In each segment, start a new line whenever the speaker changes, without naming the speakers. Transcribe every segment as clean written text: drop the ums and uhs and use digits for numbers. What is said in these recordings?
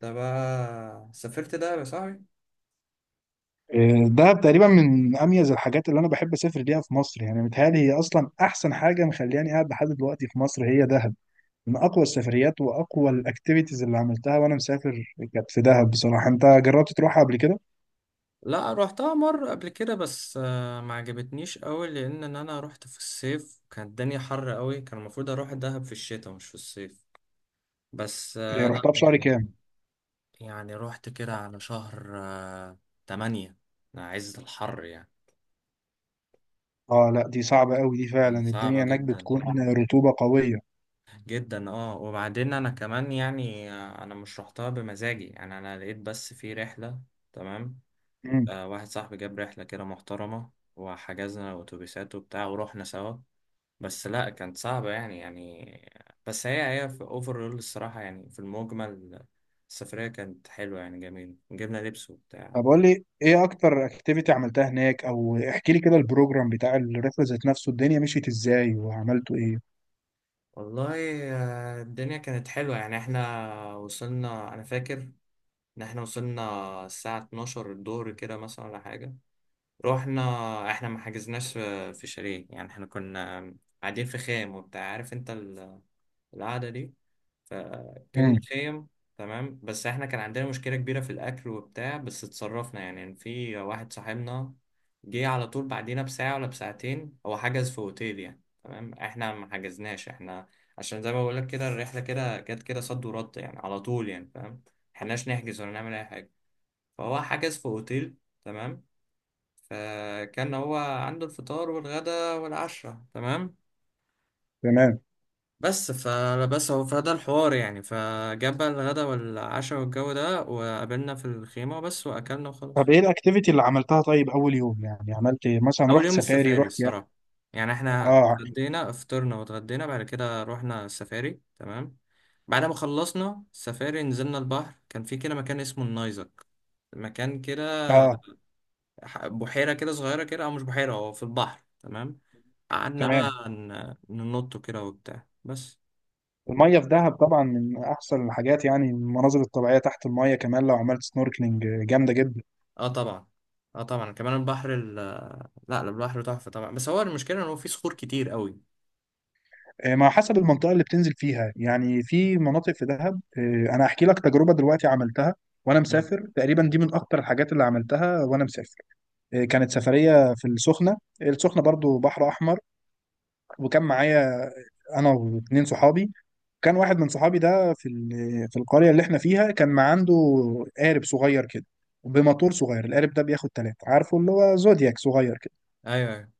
ده بقى سافرت ده يا صاحبي.
دهب تقريبا من اميز الحاجات اللي انا بحب اسافر ليها في مصر، يعني متهيألي هي اصلا احسن حاجه مخلياني قاعد لحد دلوقتي في مصر هي دهب. من اقوى السفريات واقوى الاكتيفيتيز اللي عملتها وانا مسافر كانت في دهب. بصراحه انت جربت تروحها قبل كده؟
لا روحتها مرة قبل كده، بس ما عجبتنيش قوي لان انا روحت في الصيف، كانت الدنيا حر قوي. كان المفروض اروح دهب في الشتاء مش في الصيف. بس آه، لا
رحتها في شهر
يعني.
كام؟
يعني روحت كده على شهر تمانية، عز الحر يعني.
اه لا، دي صعبه قوي دي، فعلا
كانت صعبة
الدنيا هناك
جدا
بتكون رطوبه قويه.
جدا. اه وبعدين انا كمان يعني، انا مش روحتها بمزاجي، يعني انا لقيت بس في رحلة. تمام.
امم.
واحد صاحبي جاب رحلة كده محترمة، وحجزنا أتوبيسات وبتاع ورحنا سوا. بس لا كانت صعبة يعني. بس هي في أوفرول الصراحة، يعني في المجمل السفرية كانت حلوة يعني، جميل، جبنا لبس وبتاع.
طب قول لي ايه اكتر اكتيفيتي عملتها هناك، او احكي لي كده البروجرام بتاع الرحله ذات نفسه، الدنيا مشيت ازاي وعملتوا ايه؟
والله، الدنيا كانت حلوة يعني. احنا وصلنا، أنا فاكر إن احنا وصلنا الساعة 12 الظهر كده مثلا ولا حاجة. رحنا، احنا ما حجزناش في شاليه يعني. احنا كنا قاعدين في خيم وبتاع، عارف انت القعدة دي. فجبنا
امم.
خيم. تمام. بس احنا كان عندنا مشكلة كبيرة في الأكل وبتاع، بس اتصرفنا يعني. في واحد صاحبنا جه على طول بعدينا بساعة ولا بساعتين، هو حجز في أوتيل يعني. تمام، احنا ما حجزناش احنا، عشان زي ما بقولك كده الرحلة كده جت كده صد ورد يعني على طول، يعني فاهم، ملحقناش نحجز ولا نعمل أي حاجة. فهو حجز في أوتيل. تمام. فكان هو عنده الفطار والغدا والعشاء. تمام.
تمام.
بس فبس هو فده الحوار يعني، فجاب بقى الغدا والعشاء والجو ده، وقابلنا في الخيمة وبس، وأكلنا وخلاص.
طب ايه الاكتيفيتي اللي عملتها؟ طيب اول يوم يعني عملت إيه؟ مثلا
أول
رحت
يوم
سفاري،
السفاري
رحت يخت؟
الصراحة، يعني احنا
اه.
اتغدينا، افطرنا واتغدينا، بعد كده رحنا السفاري. تمام. بعد ما خلصنا السفاري نزلنا البحر، كان في كده مكان اسمه النايزك، مكان كده.
اه.
بحيرة كده صغيرة كده، أو مش بحيرة، هو في البحر. تمام. قعدنا بقى
تمام.
ننط كده وبتاع بس.
الميه في دهب طبعا من احسن الحاجات، يعني المناظر الطبيعيه تحت الميه كمان لو عملت سنوركلينج جامده جدا.
اه طبعا. اه طبعا كمان البحر، لا لا، البحر تحفة طبعا، بس هو المشكلة ان هو فيه صخور كتير قوي.
ما حسب المنطقه اللي بتنزل فيها، يعني في مناطق في دهب. انا هحكي لك تجربه دلوقتي عملتها وانا
مم.
مسافر، تقريبا دي من اكتر الحاجات اللي عملتها وانا مسافر. كانت سفريه في السخنه. السخنه برضو بحر احمر. وكان معايا انا واتنين صحابي. كان واحد من صحابي ده في في القرية اللي احنا فيها كان ما عنده قارب صغير كده، بموتور صغير. القارب ده بياخد تلاتة، عارفه اللي هو زودياك صغير كده.
ايوه ايوه.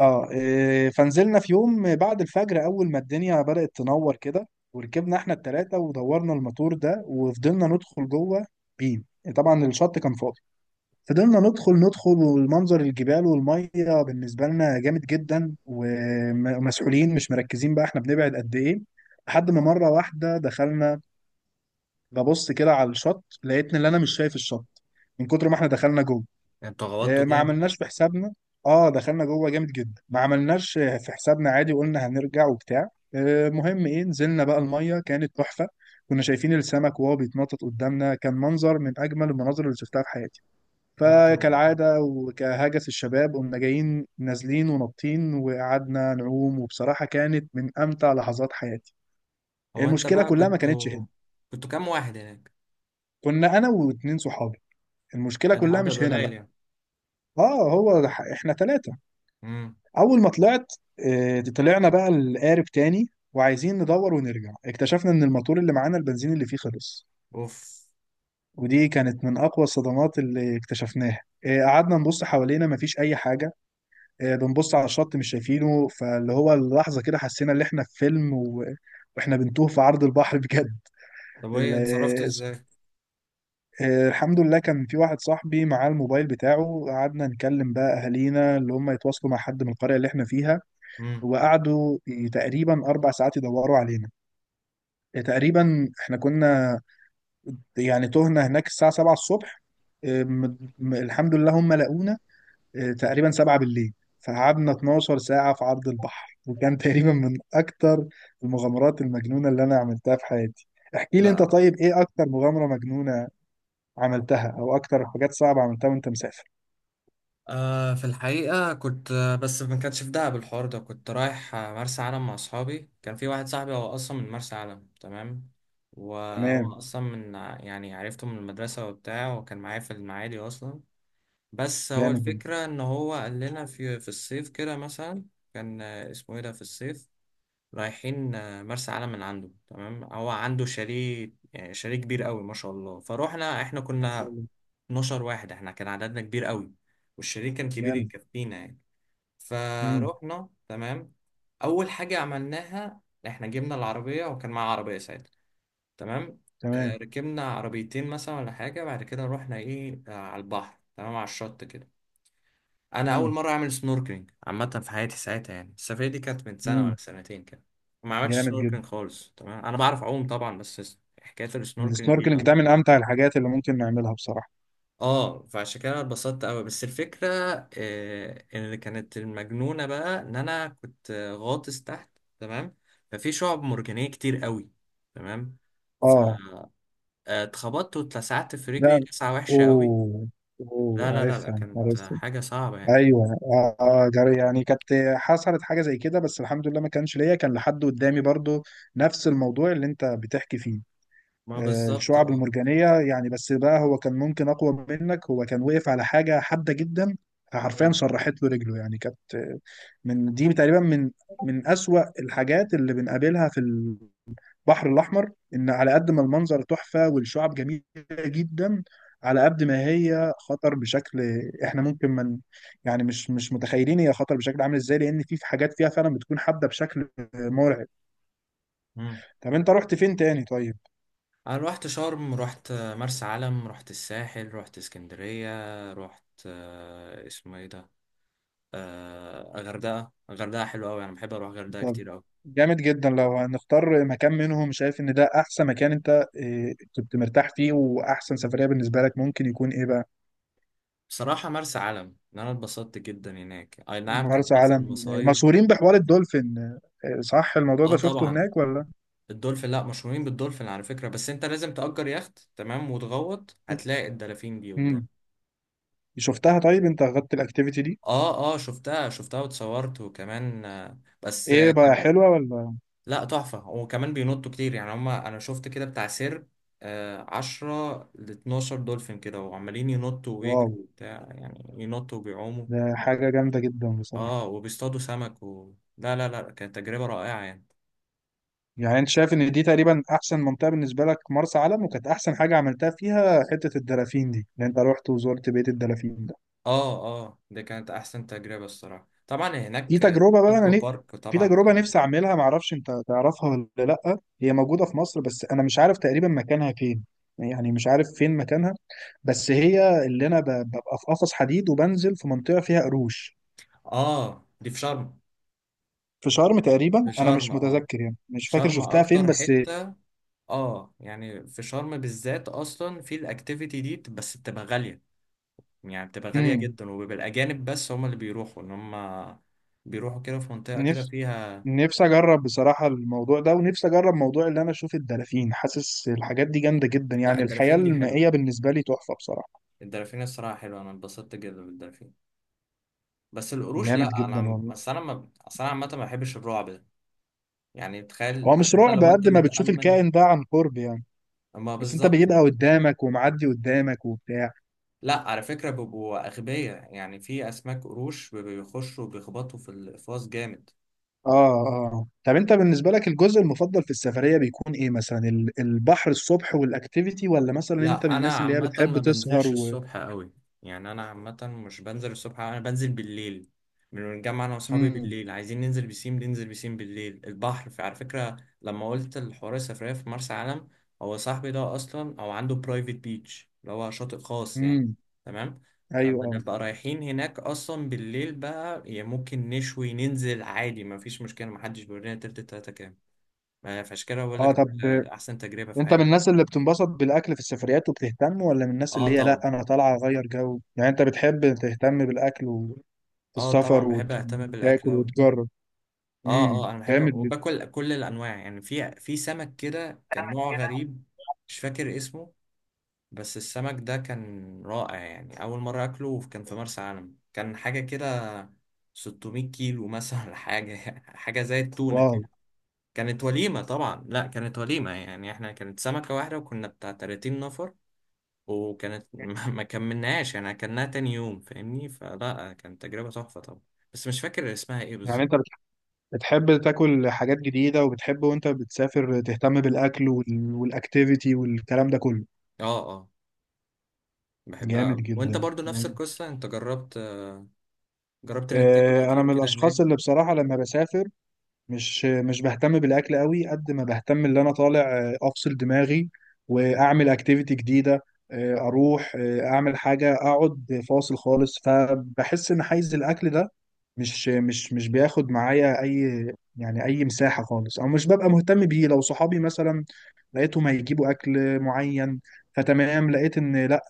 اه. فنزلنا في يوم بعد الفجر، اول ما الدنيا بدأت تنور كده، وركبنا احنا التلاتة ودورنا الموتور ده وفضلنا ندخل جوه. بيم. طبعا الشط كان فاضي. فضلنا ندخل ندخل، والمنظر الجبال والمية بالنسبة لنا جامد جدا، ومسؤولين مش مركزين بقى احنا بنبعد قد ايه. لحد ما مرة واحدة دخلنا، ببص كده على الشط لقيت ان انا مش شايف الشط من كتر ما احنا دخلنا جوه.
انت غلطته
ما
جامد.
عملناش في حسابنا. اه دخلنا جوه جامد جدا، ما عملناش في حسابنا، عادي قلنا هنرجع وبتاع. مهم ايه، نزلنا بقى الميه كانت تحفه. كنا شايفين السمك وهو بيتنطط قدامنا، كان منظر من اجمل المناظر اللي شفتها في حياتي.
لا طبعا.
فكالعاده وكهجس الشباب قمنا جايين نازلين ونطين وقعدنا نعوم، وبصراحه كانت من امتع لحظات حياتي.
هو انت
المشكله
بقى
كلها ما
كنت،
كانتش هنا.
كنت كام واحد هناك؟
كنا انا واتنين صحابي. المشكله
ده
كلها
عدد
مش هنا
قليل
بقى.
يعني.
اه هو احنا ثلاثه.
امم.
اول ما طلعت، طلعنا بقى القارب تاني وعايزين ندور ونرجع، اكتشفنا ان الموتور اللي معانا البنزين اللي فيه خلص.
اوف.
ودي كانت من اقوى الصدمات اللي اكتشفناها. قعدنا نبص حوالينا مفيش اي حاجه. بنبص على الشط مش شايفينه، فاللي هو اللحظه كده حسينا ان احنا في فيلم واحنا بنتوه في عرض البحر بجد.
طب وايه اتصرفتوا ازاي؟
الحمد لله كان في واحد صاحبي معاه الموبايل بتاعه، قعدنا نكلم بقى أهالينا اللي هم يتواصلوا مع حد من القرية اللي احنا فيها.
امم.
وقعدوا تقريبا أربع ساعات يدوروا علينا. تقريبا احنا كنا يعني تهنا هناك الساعة 7 الصبح، الحمد لله هم لقونا تقريبا 7 بالليل. فقعدنا 12 ساعة في عرض البحر، وكان تقريبا من أكتر المغامرات المجنونة اللي أنا عملتها في حياتي. احكي لي أنت
لا،
طيب، إيه أكتر مغامرة مجنونة عملتها او اكتر حاجات صعبة عملتها وانت مسافر؟
في الحقيقة كنت، بس ما كانش في دهب الحوار ده، كنت رايح مرسى علم مع أصحابي. كان في واحد صاحبي هو أصلا من مرسى علم. تمام. وهو
تمام.
أصلا من يعني عرفته من المدرسة وبتاع، وكان معايا في المعادي أصلا. بس هو
جامد
الفكرة إن هو قال لنا في الصيف كده مثلا، كان اسمه إيه ده، في الصيف رايحين مرسى علم من عنده. تمام. هو عنده شاليه، يعني شاليه كبير قوي ما شاء الله. فروحنا، إحنا كنا
جدا.
12 واحد، إحنا كان عددنا كبير قوي، والشاليه كان كبير
جامد.
يكفينا يعني.
امم.
فروحنا. تمام. أول حاجة عملناها، إحنا جبنا العربية، وكان معاه عربية ساعتها. تمام.
تمام.
ركبنا عربيتين مثلا ولا حاجة، بعد كده رحنا إيه، على البحر. تمام، على الشط كده. انا اول
امم.
مره اعمل سنوركلينج عامه في حياتي ساعتها، يعني السفريه دي كانت من سنه ولا
امم.
سنتين كده. ما عملتش
جامد جدا.
سنوركلينج خالص. تمام، انا بعرف اعوم طبعا، بس حكايه السنوركلينج دي
السنوركلينج
لا.
ده من امتع الحاجات اللي ممكن نعملها بصراحه.
اه فعشان كده انا اتبسطت قوي، بس الفكره اللي كانت المجنونه بقى، ان انا كنت غاطس تحت. تمام. ففي شعب مرجانيه كتير قوي. تمام.
اه.
فاتخبطت واتلسعت في رجلي
لا.
لسعه وحشه قوي.
اوه.
لا
اوه
لا لا لا،
عارفها،
كانت
عرفتها.
حاجه صعبه يعني.
ايوه اه، جري يعني، كانت حصلت حاجه زي كده بس الحمد لله ما كانش ليا، كان لحد قدامي برضو نفس الموضوع اللي انت بتحكي فيه.
ما بالظبط
الشعب
اه.
المرجانيه يعني، بس بقى هو كان ممكن اقوى منك، هو كان واقف على حاجه حاده جدا، حرفيا
مم.
شرحت له رجله يعني. كانت من دي تقريبا، من أسوأ الحاجات اللي بنقابلها في البحر الأحمر، إن على قد ما المنظر تحفة والشعب جميلة جدا، على قد ما هي خطر بشكل، إحنا ممكن من، يعني مش متخيلين هي خطر بشكل عامل إزاي، لأن في حاجات فيها فعلا بتكون حادة بشكل مرعب.
مم.
طب أنت رحت فين تاني طيب؟
انا روحت شرم، روحت مرسى علم، روحت الساحل، روحت اسكندرية، روحت اسمه ايه ده، غردقة. غردقة حلوة قوي، انا بحب اروح غردقة
طب
كتير قوي.
جامد جدا. لو هنختار مكان منهم، شايف إن ده أحسن مكان أنت كنت مرتاح فيه، وأحسن سفرية بالنسبة لك ممكن يكون إيه بقى؟
بصراحة مرسى علم، ان انا اتبسطت جدا هناك، اي نعم كان
مرسى
حصل
علم
مصايب.
مشهورين بحوار الدولفين، صح؟ الموضوع
اه
ده شفته
طبعا.
هناك ولا؟
الدولفين، لا مشهورين بالدولفين على فكرة، بس انت لازم تأجر يخت تمام، وتغوط هتلاقي الدلافين دي
امم.
قدام.
شفتها طيب؟ انت اخدت الاكتيفيتي دي؟
اه اه شفتها، شفتها واتصورت وكمان، بس.
ايه بقى، حلوة ولا؟
لا تحفة، وكمان بينطوا كتير يعني هما. أنا شفت كده بتاع سير عشرة لاتناشر دولفين كده، وعمالين ينطوا
واو.
ويجروا وبتاع، يعني ينطوا وبيعوموا.
ده حاجة جامدة جدا بصراحة.
اه وبيصطادوا سمك و... لا لا لا، كانت تجربة رائعة يعني.
يعني انت شايف ان دي تقريبا احسن منطقة بالنسبة لك مرسى علم، وكانت احسن حاجة عملتها فيها حتة الدلافين دي اللي انت رحت وزرت بيت الدلافين ده.
اه اه، دي كانت أحسن تجربة الصراحة. طبعا
في
هناك
تجربة بقى أنا
الأكوا بارك
في
طبعا
تجربة
كان.
نفسي أعملها، معرفش أنت تعرفها ولا لأ، هي موجودة في مصر بس أنا مش عارف تقريبا مكانها فين، يعني مش عارف فين مكانها. بس هي اللي أنا ببقى في قفص حديد وبنزل في منطقة فيها قروش.
اه دي في شرم.
في شرم تقريبا،
في
أنا
شرم
مش
اه.
متذكر يعني، مش فاكر
شرم
شفتها فين
أكتر
بس.
حتة، اه يعني في شرم بالذات أصلا في الأكتيفيتي دي، بس بتبقى غالية، يعني بتبقى غالية
امم.
جدا، وبيبقى الأجانب بس هم اللي بيروحوا، إن هم بيروحوا كده في منطقة كده
نفسي.
فيها.
نفسي أجرب بصراحة الموضوع ده، ونفسي أجرب موضوع اللي أنا أشوف الدلافين، حاسس الحاجات دي جامدة جدا،
لا
يعني الحياة
الدلافين دي حلوة،
المائية بالنسبة لي تحفة بصراحة.
الدلافين الصراحة حلوة، أنا اتبسطت جدا بالدلافين. بس القروش
جامد
لا،
جدا
أنا
والله.
بس أنا ما أصل أنا عامة ما بحبش الرعب ده، يعني تخيل
هو مش
حتى
رعب
لو أنت
قد ما بتشوف
متأمن.
الكائن ده عن قرب يعني.
ما
بس انت
بالظبط.
بيبقى قدامك ومعدي قدامك وبتاع.
لا على فكرة بيبقوا أغبياء، يعني في أسماك قروش بيبقوا بيخشوا وبيخبطوا في الأقفاص جامد.
اه. اه طب انت بالنسبة لك الجزء المفضل في السفرية بيكون ايه، مثلا البحر الصبح والاكتيفيتي، ولا مثلا انت من
لا انا
الناس اللي هي
عامه
بتحب
ما
تسهر
بنزلش
و...
الصبح قوي، يعني انا عامه مش بنزل الصبح أوي، انا بنزل بالليل. بنتجمع انا واصحابي
امم.
بالليل، عايزين ننزل بسيم، ننزل بسيم بالليل البحر. في على فكره، لما قلت الحوار السفريه في مرسى علم، هو صاحبي ده اصلا او عنده برايفت بيتش، اللي هو شاطئ خاص يعني.
امم.
تمام.
ايوه اه.
فبنبقى رايحين هناك اصلا بالليل بقى، يعني ممكن نشوي ننزل عادي، ما فيش مشكله، ما حدش بيورينا تلت التلاته كام. فعشان كده بقول
اه
لك
طب
احسن تجربه في
انت من
حياتي.
الناس اللي بتنبسط بالاكل في السفريات وبتهتم، ولا من الناس
اه
اللي هي لا
طبعا.
انا طالعة اغير جو؟ يعني انت بتحب تهتم بالاكل وفي
اه طبعا
السفر
بحب اهتم بالاكل
وتاكل
اوي.
وتجرب؟
اه
امم.
اه انا بحب
جامد
وباكل كل الانواع يعني. في سمك كده كان نوع
جدا.
غريب، مش فاكر اسمه، بس السمك ده كان رائع يعني. اول مره اكله كان في مرسى علم، كان حاجه كده 600 كيلو مثلا ولا حاجه، حاجه زي التونه
واو.
كده. كانت وليمه طبعا، لا كانت وليمه يعني. احنا كانت سمكه واحده وكنا بتاع 30 نفر، وكانت ما كملناهاش يعني، اكلناها تاني يوم فاهمني. فلا كانت تجربه تحفه طبعا، بس مش فاكر اسمها ايه
يعني انت
بالظبط.
بتحب تاكل حاجات جديدة، وبتحب وانت بتسافر تهتم بالاكل والاكتيفيتي والكلام ده كله؟
اه اه بحبها
جامد
قوي، وانت
جدا
برضو نفس
جامد.
القصة انت جربت، جربت انك تاكل
انا
كتير
من
كده
الاشخاص
هناك.
اللي بصراحة لما بسافر مش بهتم بالاكل قوي قد ما بهتم اللي انا طالع افصل دماغي واعمل اكتيفيتي جديدة، اروح اعمل حاجة اقعد فاصل خالص. فبحس ان حيز الاكل ده مش بياخد معايا اي يعني اي مساحه خالص، او مش ببقى مهتم بيه. لو صحابي مثلا لقيتهم هيجيبوا اكل معين فتمام، لقيت ان لا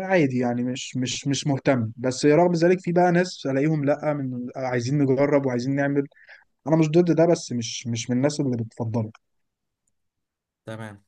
عادي يعني مش مهتم. بس رغم ذلك في بقى ناس الاقيهم لا من عايزين نجرب وعايزين نعمل، انا مش ضد ده بس مش مش من الناس اللي بتفضله.
تمام.